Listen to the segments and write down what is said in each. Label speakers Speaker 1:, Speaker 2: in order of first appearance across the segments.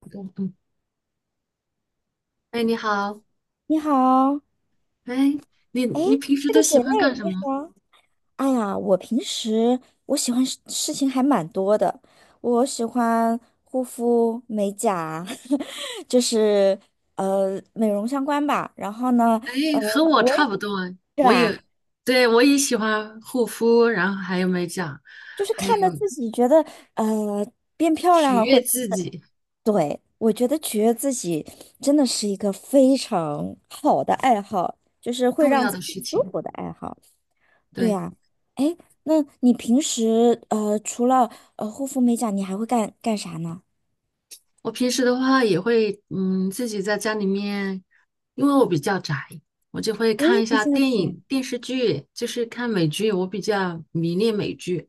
Speaker 1: 嗯嗯，哎，你好。
Speaker 2: 你好，
Speaker 1: 哎，你
Speaker 2: 哎，
Speaker 1: 你平时
Speaker 2: 是
Speaker 1: 都
Speaker 2: 个姐
Speaker 1: 喜
Speaker 2: 妹，
Speaker 1: 欢干
Speaker 2: 你
Speaker 1: 什么？
Speaker 2: 好。哎呀，我平时我喜欢事事情还蛮多的，我喜欢护肤、美甲，就是美容相关吧。然后呢，
Speaker 1: 哎，
Speaker 2: 呃，
Speaker 1: 和我
Speaker 2: 我也
Speaker 1: 差不多，
Speaker 2: 是
Speaker 1: 我也，
Speaker 2: 吧，
Speaker 1: 对，我也喜欢护肤，然后还有美甲，
Speaker 2: 就是
Speaker 1: 还有
Speaker 2: 看着自己觉得呃变漂亮
Speaker 1: 取
Speaker 2: 了，或
Speaker 1: 悦
Speaker 2: 者
Speaker 1: 自己
Speaker 2: 对，我觉得取悦自己真的是一个非常好的爱好，就是会
Speaker 1: 重
Speaker 2: 让
Speaker 1: 要
Speaker 2: 自
Speaker 1: 的
Speaker 2: 己
Speaker 1: 事
Speaker 2: 舒
Speaker 1: 情。
Speaker 2: 服的爱好。对
Speaker 1: 对，
Speaker 2: 啊，哎，那你平时除了护肤美甲，你还会干啥呢？
Speaker 1: 我平时的话也会，嗯，自己在家里面，因为我比较宅，我就会
Speaker 2: 我
Speaker 1: 看
Speaker 2: 也
Speaker 1: 一
Speaker 2: 比
Speaker 1: 下
Speaker 2: 较
Speaker 1: 电
Speaker 2: 宅。
Speaker 1: 影、电视剧，就是看美剧，我比较迷恋美剧。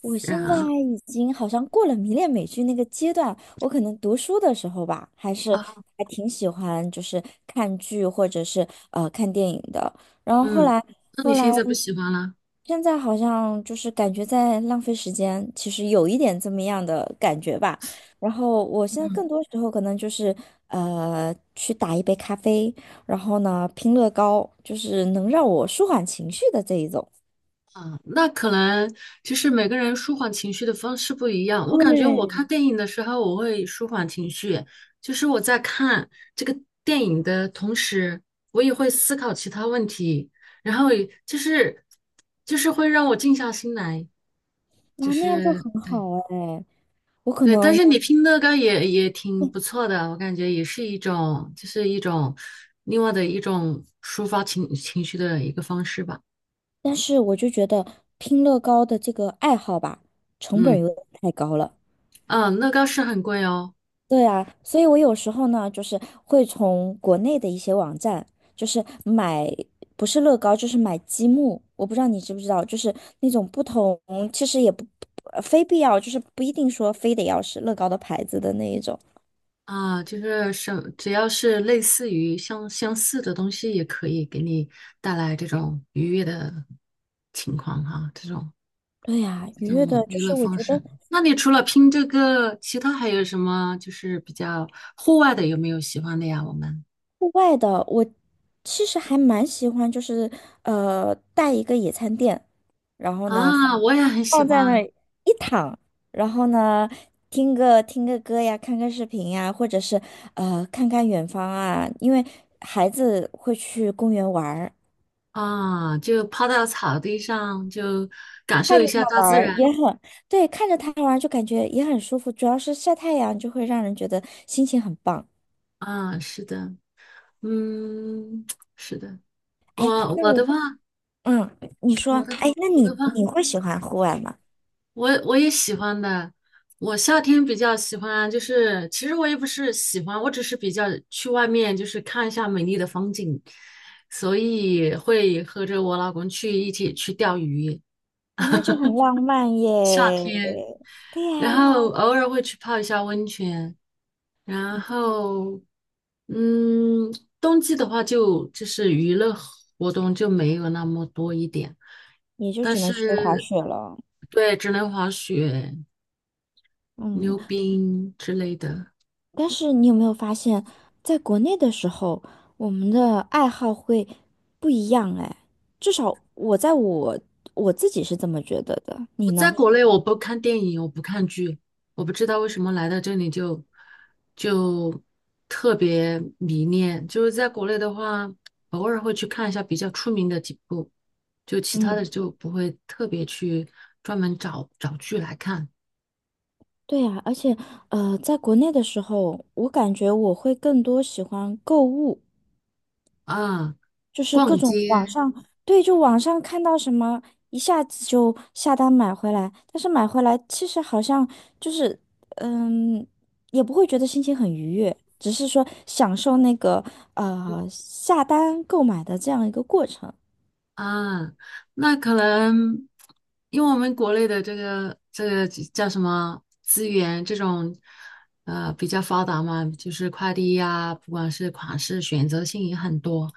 Speaker 2: 我现在
Speaker 1: 然
Speaker 2: 已经好像过了迷恋美剧那个阶段，我可能读书的时候吧，还是
Speaker 1: 啊，
Speaker 2: 还挺喜欢，就是看剧或者是看电影的。然后后
Speaker 1: 嗯，
Speaker 2: 来
Speaker 1: 那你
Speaker 2: 后来，
Speaker 1: 现在不喜欢了？
Speaker 2: 现在好像就是感觉在浪费时间，其实有一点这么样的感觉吧。然后我现在
Speaker 1: 嗯。
Speaker 2: 更多时候可能就是去打一杯咖啡，然后呢拼乐高，就是能让我舒缓情绪的这一种。
Speaker 1: 嗯，那可能其实每个人舒缓情绪的方式不一样。我感觉我
Speaker 2: 对，
Speaker 1: 看电影的时候，我会舒缓情绪，就是我在看这个电影的同时，我也会思考其他问题，然后也就是会让我静下心来，就
Speaker 2: 那样就
Speaker 1: 是
Speaker 2: 很
Speaker 1: 对
Speaker 2: 好哎。我可
Speaker 1: 对。但
Speaker 2: 能，
Speaker 1: 是你拼乐高也挺不错的，我感觉也是一种另外的一种抒发情绪的一个方式吧。
Speaker 2: 但是我就觉得拼乐高的这个爱好吧，成本
Speaker 1: 嗯
Speaker 2: 有点太高了。
Speaker 1: 嗯，乐高是很贵哦。
Speaker 2: 对啊，所以我有时候呢，就是会从国内的一些网站，就是买，不是乐高，就是买积木。我不知道你知不知道，就是那种不同，其实也不，非必要，就是不一定说非得要是乐高的牌子的那一种。
Speaker 1: 啊，就是什，只要是类似于相似的东西，也可以给你带来这种愉悦的情况哈，
Speaker 2: 对呀，
Speaker 1: 这
Speaker 2: 愉悦的，
Speaker 1: 种
Speaker 2: 就
Speaker 1: 娱乐
Speaker 2: 是我
Speaker 1: 方
Speaker 2: 觉得
Speaker 1: 式。那你除了拼这个，其他还有什么就是比较户外的，有没有喜欢的呀？我们
Speaker 2: 户外的，我其实还蛮喜欢，就是带一个野餐垫。然后呢，
Speaker 1: 啊，我也很喜
Speaker 2: 放在那儿
Speaker 1: 欢
Speaker 2: 一躺，然后呢，听个歌呀，看看视频呀，或者是看看远方啊，因为孩子会去公园玩儿，
Speaker 1: 啊，就趴到草地上，就感
Speaker 2: 看
Speaker 1: 受一
Speaker 2: 着他
Speaker 1: 下大
Speaker 2: 玩
Speaker 1: 自
Speaker 2: 儿
Speaker 1: 然。
Speaker 2: 也很，对，看着他玩儿就感觉也很舒服，主要是晒太阳就会让人觉得心情很棒。
Speaker 1: 啊，是的，嗯，是的，
Speaker 2: 哎，
Speaker 1: 我
Speaker 2: 那
Speaker 1: 我的
Speaker 2: 你
Speaker 1: 话，
Speaker 2: 嗯，你说，
Speaker 1: 我的
Speaker 2: 哎，那
Speaker 1: 我
Speaker 2: 你
Speaker 1: 的话。
Speaker 2: 你会喜欢户外吗？
Speaker 1: 我也喜欢的，我夏天比较喜欢，就是其实我也不是喜欢，我只是比较去外面就是看一下美丽的风景，所以会和着我老公去一起去钓鱼，
Speaker 2: 啊，那就很浪漫耶。
Speaker 1: 夏天，
Speaker 2: 对呀，
Speaker 1: 然后偶尔会去泡一下温泉，然
Speaker 2: 嗯
Speaker 1: 后嗯，冬季的话就是娱乐活动就没有那么多一点，
Speaker 2: 也就
Speaker 1: 但
Speaker 2: 只能去滑
Speaker 1: 是
Speaker 2: 雪了。
Speaker 1: 对，只能滑雪、
Speaker 2: 嗯。
Speaker 1: 溜冰之类的。
Speaker 2: 但是你有没有发现，在国内的时候，我们的爱好会不一样哎，至少我在我我自己是这么觉得的，
Speaker 1: 我
Speaker 2: 你
Speaker 1: 在
Speaker 2: 呢？
Speaker 1: 国内我不看电影，我不看剧，我不知道为什么来到这里就特别迷恋。就是在国内的话，偶尔会去看一下比较出名的几部，就其他的
Speaker 2: 嗯，
Speaker 1: 就不会特别去专门找剧来看
Speaker 2: 对呀，而且在国内的时候，我感觉我会更多喜欢购物，
Speaker 1: 啊。
Speaker 2: 就是各
Speaker 1: 逛
Speaker 2: 种网
Speaker 1: 街，
Speaker 2: 上，对，就网上看到什么，一下子就下单买回来，但是买回来其实好像就是，嗯，也不会觉得心情很愉悦，只是说享受那个下单购买的这样一个过程。
Speaker 1: 啊，那可能因为我们国内的这个叫什么资源这种，呃，比较发达嘛，就是快递呀、不管是款式选择性也很多，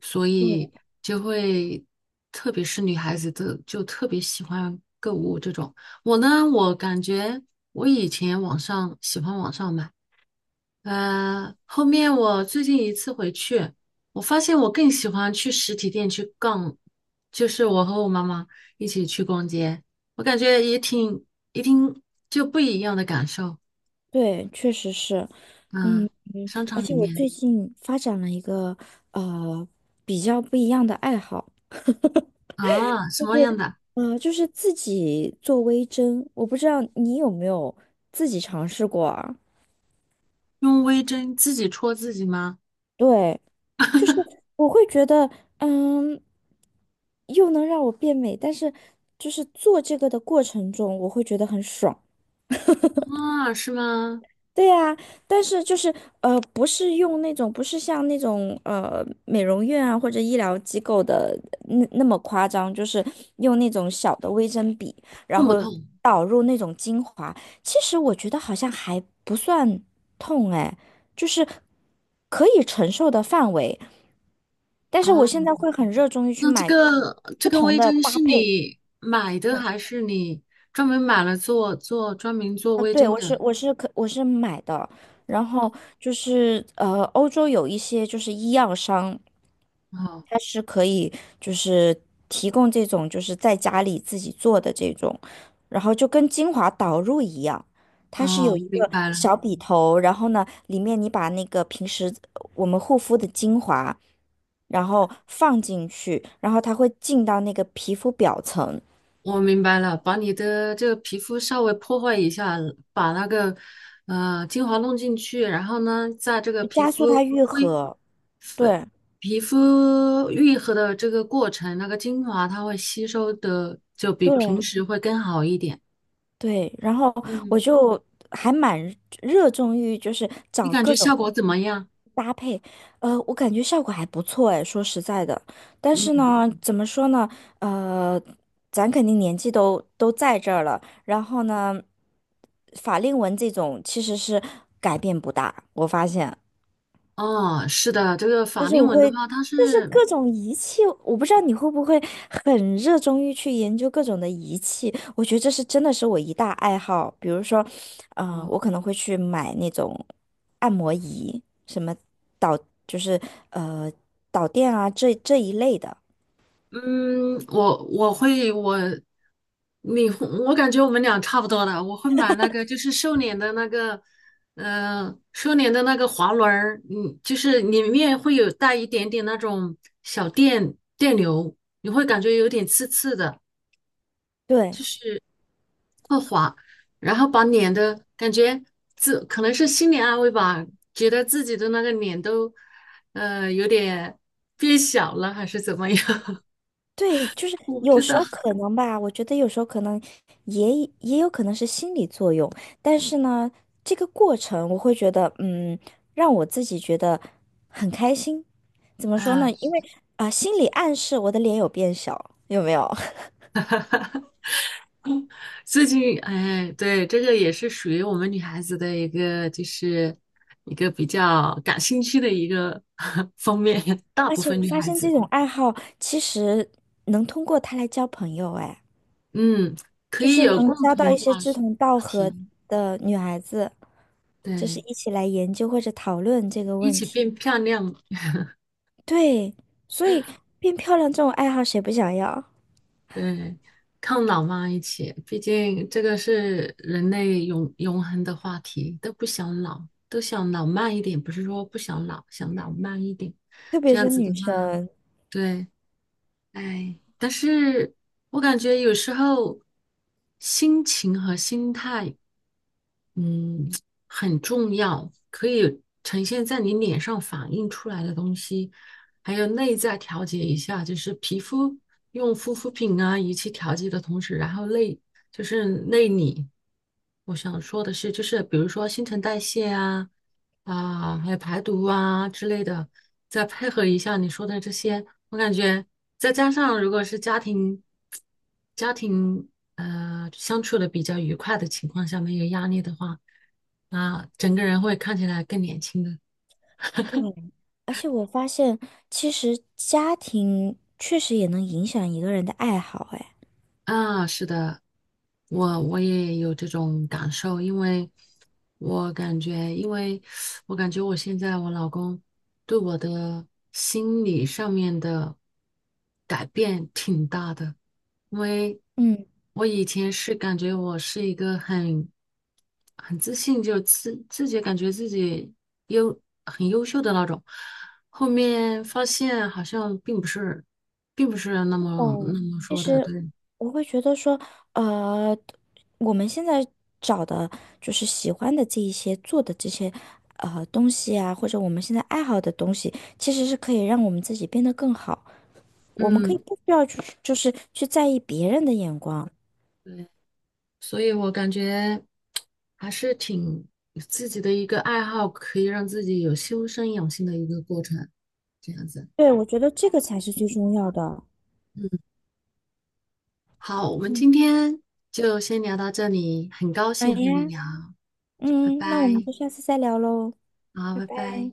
Speaker 1: 所以就会，特别是女孩子的就特别喜欢购物这种。我呢，我感觉我以前网上喜欢网上买。呃，后面我最近一次回去，我发现我更喜欢去实体店去逛，就是我和我妈妈一起去逛街，我感觉也挺一听就不一样的感受。
Speaker 2: 对，确实是，
Speaker 1: 嗯，
Speaker 2: 嗯，
Speaker 1: 商
Speaker 2: 而
Speaker 1: 场
Speaker 2: 且
Speaker 1: 里
Speaker 2: 我
Speaker 1: 面
Speaker 2: 最近发展了一个呃比较不一样的爱好，
Speaker 1: 啊，什么样的？
Speaker 2: 呃，就是自己做微针，我不知道你有没有自己尝试过啊？
Speaker 1: 用微针自己戳自己吗？
Speaker 2: 对，就是 我会觉得，嗯，又能让我变美，但是就是做这个的过程中，我会觉得很爽。
Speaker 1: 啊，是吗？
Speaker 2: 对呀，但是就是不是用那种，不是像那种美容院啊或者医疗机构的那么夸张，就是用那种小的微针笔，然
Speaker 1: 痛不
Speaker 2: 后
Speaker 1: 痛？
Speaker 2: 导入那种精华。其实我觉得好像还不算痛哎，就是可以承受的范围。但是
Speaker 1: 啊，
Speaker 2: 我现在会很热衷于去
Speaker 1: 那这
Speaker 2: 买
Speaker 1: 个这
Speaker 2: 不
Speaker 1: 个
Speaker 2: 同
Speaker 1: 微
Speaker 2: 的
Speaker 1: 针
Speaker 2: 搭
Speaker 1: 是
Speaker 2: 配。
Speaker 1: 你买的
Speaker 2: 嗯，
Speaker 1: 还是你专门买了专门做
Speaker 2: 啊，
Speaker 1: 微
Speaker 2: 对，
Speaker 1: 针
Speaker 2: 我是
Speaker 1: 的？
Speaker 2: 我是可我是买的，然后就是欧洲有一些就是医药商，
Speaker 1: 哦。
Speaker 2: 它是可以就是提供这种就是在家里自己做的这种，然后就跟精华导入一样。它是
Speaker 1: 哦，
Speaker 2: 有一
Speaker 1: 我明
Speaker 2: 个
Speaker 1: 白了，
Speaker 2: 小笔头，然后呢，里面你把那个平时我们护肤的精华，然后放进去，然后它会进到那个皮肤表层，
Speaker 1: 我明白了，把你的这个皮肤稍微破坏一下，把那个精华弄进去，然后呢，在这个
Speaker 2: 加速它愈
Speaker 1: 恢
Speaker 2: 合，对
Speaker 1: 皮肤愈合的这个过程，那个精华它会吸收的就比
Speaker 2: 对
Speaker 1: 平时会更好一点。
Speaker 2: 对，然后我
Speaker 1: 嗯，
Speaker 2: 就还蛮热衷于就是
Speaker 1: 你
Speaker 2: 找
Speaker 1: 感
Speaker 2: 各
Speaker 1: 觉
Speaker 2: 种
Speaker 1: 效果怎么样？
Speaker 2: 搭配，呃，我感觉效果还不错哎，说实在的，但是
Speaker 1: 嗯，
Speaker 2: 呢，怎么说呢，呃，咱肯定年纪都在这儿了，然后呢，法令纹这种其实是改变不大，我发现。
Speaker 1: 哦，是的，这个
Speaker 2: 但
Speaker 1: 法
Speaker 2: 是
Speaker 1: 令
Speaker 2: 我
Speaker 1: 纹的
Speaker 2: 会
Speaker 1: 话，它
Speaker 2: 就是
Speaker 1: 是。
Speaker 2: 各种仪器，我不知道你会不会很热衷于去研究各种的仪器。我觉得这是真的是我一大爱好。比如说，呃，我
Speaker 1: 哦。
Speaker 2: 可能会去买那种按摩仪，什么导就是呃导电啊这一类的。
Speaker 1: 嗯，我我会我，你会我感觉我们俩差不多的，我会买那个就是瘦脸的那个，呃，瘦脸的那个滑轮儿，嗯，就是里面会有带一点点那种电流，你会感觉有点刺刺的，
Speaker 2: 对，
Speaker 1: 就是滑，然后把脸的感觉自可能是心理安慰吧，觉得自己的那个脸都，呃，有点变小了还是怎么样，
Speaker 2: 对，就是
Speaker 1: 我不
Speaker 2: 有
Speaker 1: 知
Speaker 2: 时
Speaker 1: 道
Speaker 2: 候可能吧，我觉得有时候可能也也有可能是心理作用，但是呢，这个过程我会觉得，嗯，让我自己觉得很开心。怎么说
Speaker 1: 啊。
Speaker 2: 呢？因为啊、心理暗示我的脸有变小，有没有？
Speaker 1: 最近，哎，对，这个也是属于我们女孩子的一个，就是一个比较感兴趣的一个 方面。大
Speaker 2: 而
Speaker 1: 部
Speaker 2: 且
Speaker 1: 分
Speaker 2: 我
Speaker 1: 女
Speaker 2: 发
Speaker 1: 孩
Speaker 2: 现这
Speaker 1: 子，
Speaker 2: 种爱好其实能通过它来交朋友，哎，
Speaker 1: 嗯，可
Speaker 2: 就
Speaker 1: 以
Speaker 2: 是
Speaker 1: 有
Speaker 2: 能
Speaker 1: 共
Speaker 2: 交到
Speaker 1: 同
Speaker 2: 一些志同道
Speaker 1: 话
Speaker 2: 合
Speaker 1: 题，
Speaker 2: 的女孩子，就是
Speaker 1: 对，
Speaker 2: 一起来研究或者讨论这个
Speaker 1: 一
Speaker 2: 问
Speaker 1: 起
Speaker 2: 题。
Speaker 1: 变漂亮，
Speaker 2: 对，所以变漂亮这种爱好谁不想要？
Speaker 1: 对，抗老嘛，一起。毕竟这个是人类永恒的话题，都不想老，都想老慢一点，不是说不想老，想老慢一点。
Speaker 2: 特别
Speaker 1: 这样
Speaker 2: 是
Speaker 1: 子的
Speaker 2: 女
Speaker 1: 话，
Speaker 2: 生。
Speaker 1: 对。哎，但是我感觉有时候心情和心态，嗯，很重要，可以呈现在你脸上反映出来的东西，还有内在调节一下，就是皮肤用护肤品啊仪器调节的同时，然后就是内里，我想说的是，就是比如说新陈代谢啊。啊，还有排毒啊之类的，再配合一下你说的这些，我感觉再加上如果是家庭相处的比较愉快的情况下，没有压力的话，啊，整个人会看起来更年轻的。
Speaker 2: 对，而且我发现，其实家庭确实也能影响一个人的爱好。哎，
Speaker 1: 啊，是的，我我也有这种感受，因为我感觉，因为我感觉我现在我老公对我的心理上面的改变挺大的，因为
Speaker 2: 嗯，
Speaker 1: 我以前是感觉我是一个很自信，就自自己感觉自己很优秀的那种，后面发现好像并不是，并不是那么那
Speaker 2: 嗯
Speaker 1: 么
Speaker 2: 其
Speaker 1: 说的，
Speaker 2: 实
Speaker 1: 对。
Speaker 2: 我会觉得说，呃，我们现在找的就是喜欢的这一些做的这些东西啊，或者我们现在爱好的东西，其实是可以让我们自己变得更好。我们可以
Speaker 1: 嗯，
Speaker 2: 不需要去就是去在意别人的眼光。
Speaker 1: 对，所以我感觉还是挺自己的一个爱好，可以让自己有修身养性的一个过程，这样子。
Speaker 2: 对，我觉得这个才是最重要的。
Speaker 1: 嗯，好，我们
Speaker 2: 嗯，
Speaker 1: 今天就先聊到这里，很高
Speaker 2: 好呀，
Speaker 1: 兴和你聊，拜
Speaker 2: 嗯，那我们
Speaker 1: 拜，
Speaker 2: 就下次再聊喽，
Speaker 1: 好，
Speaker 2: 拜
Speaker 1: 拜
Speaker 2: 拜。
Speaker 1: 拜。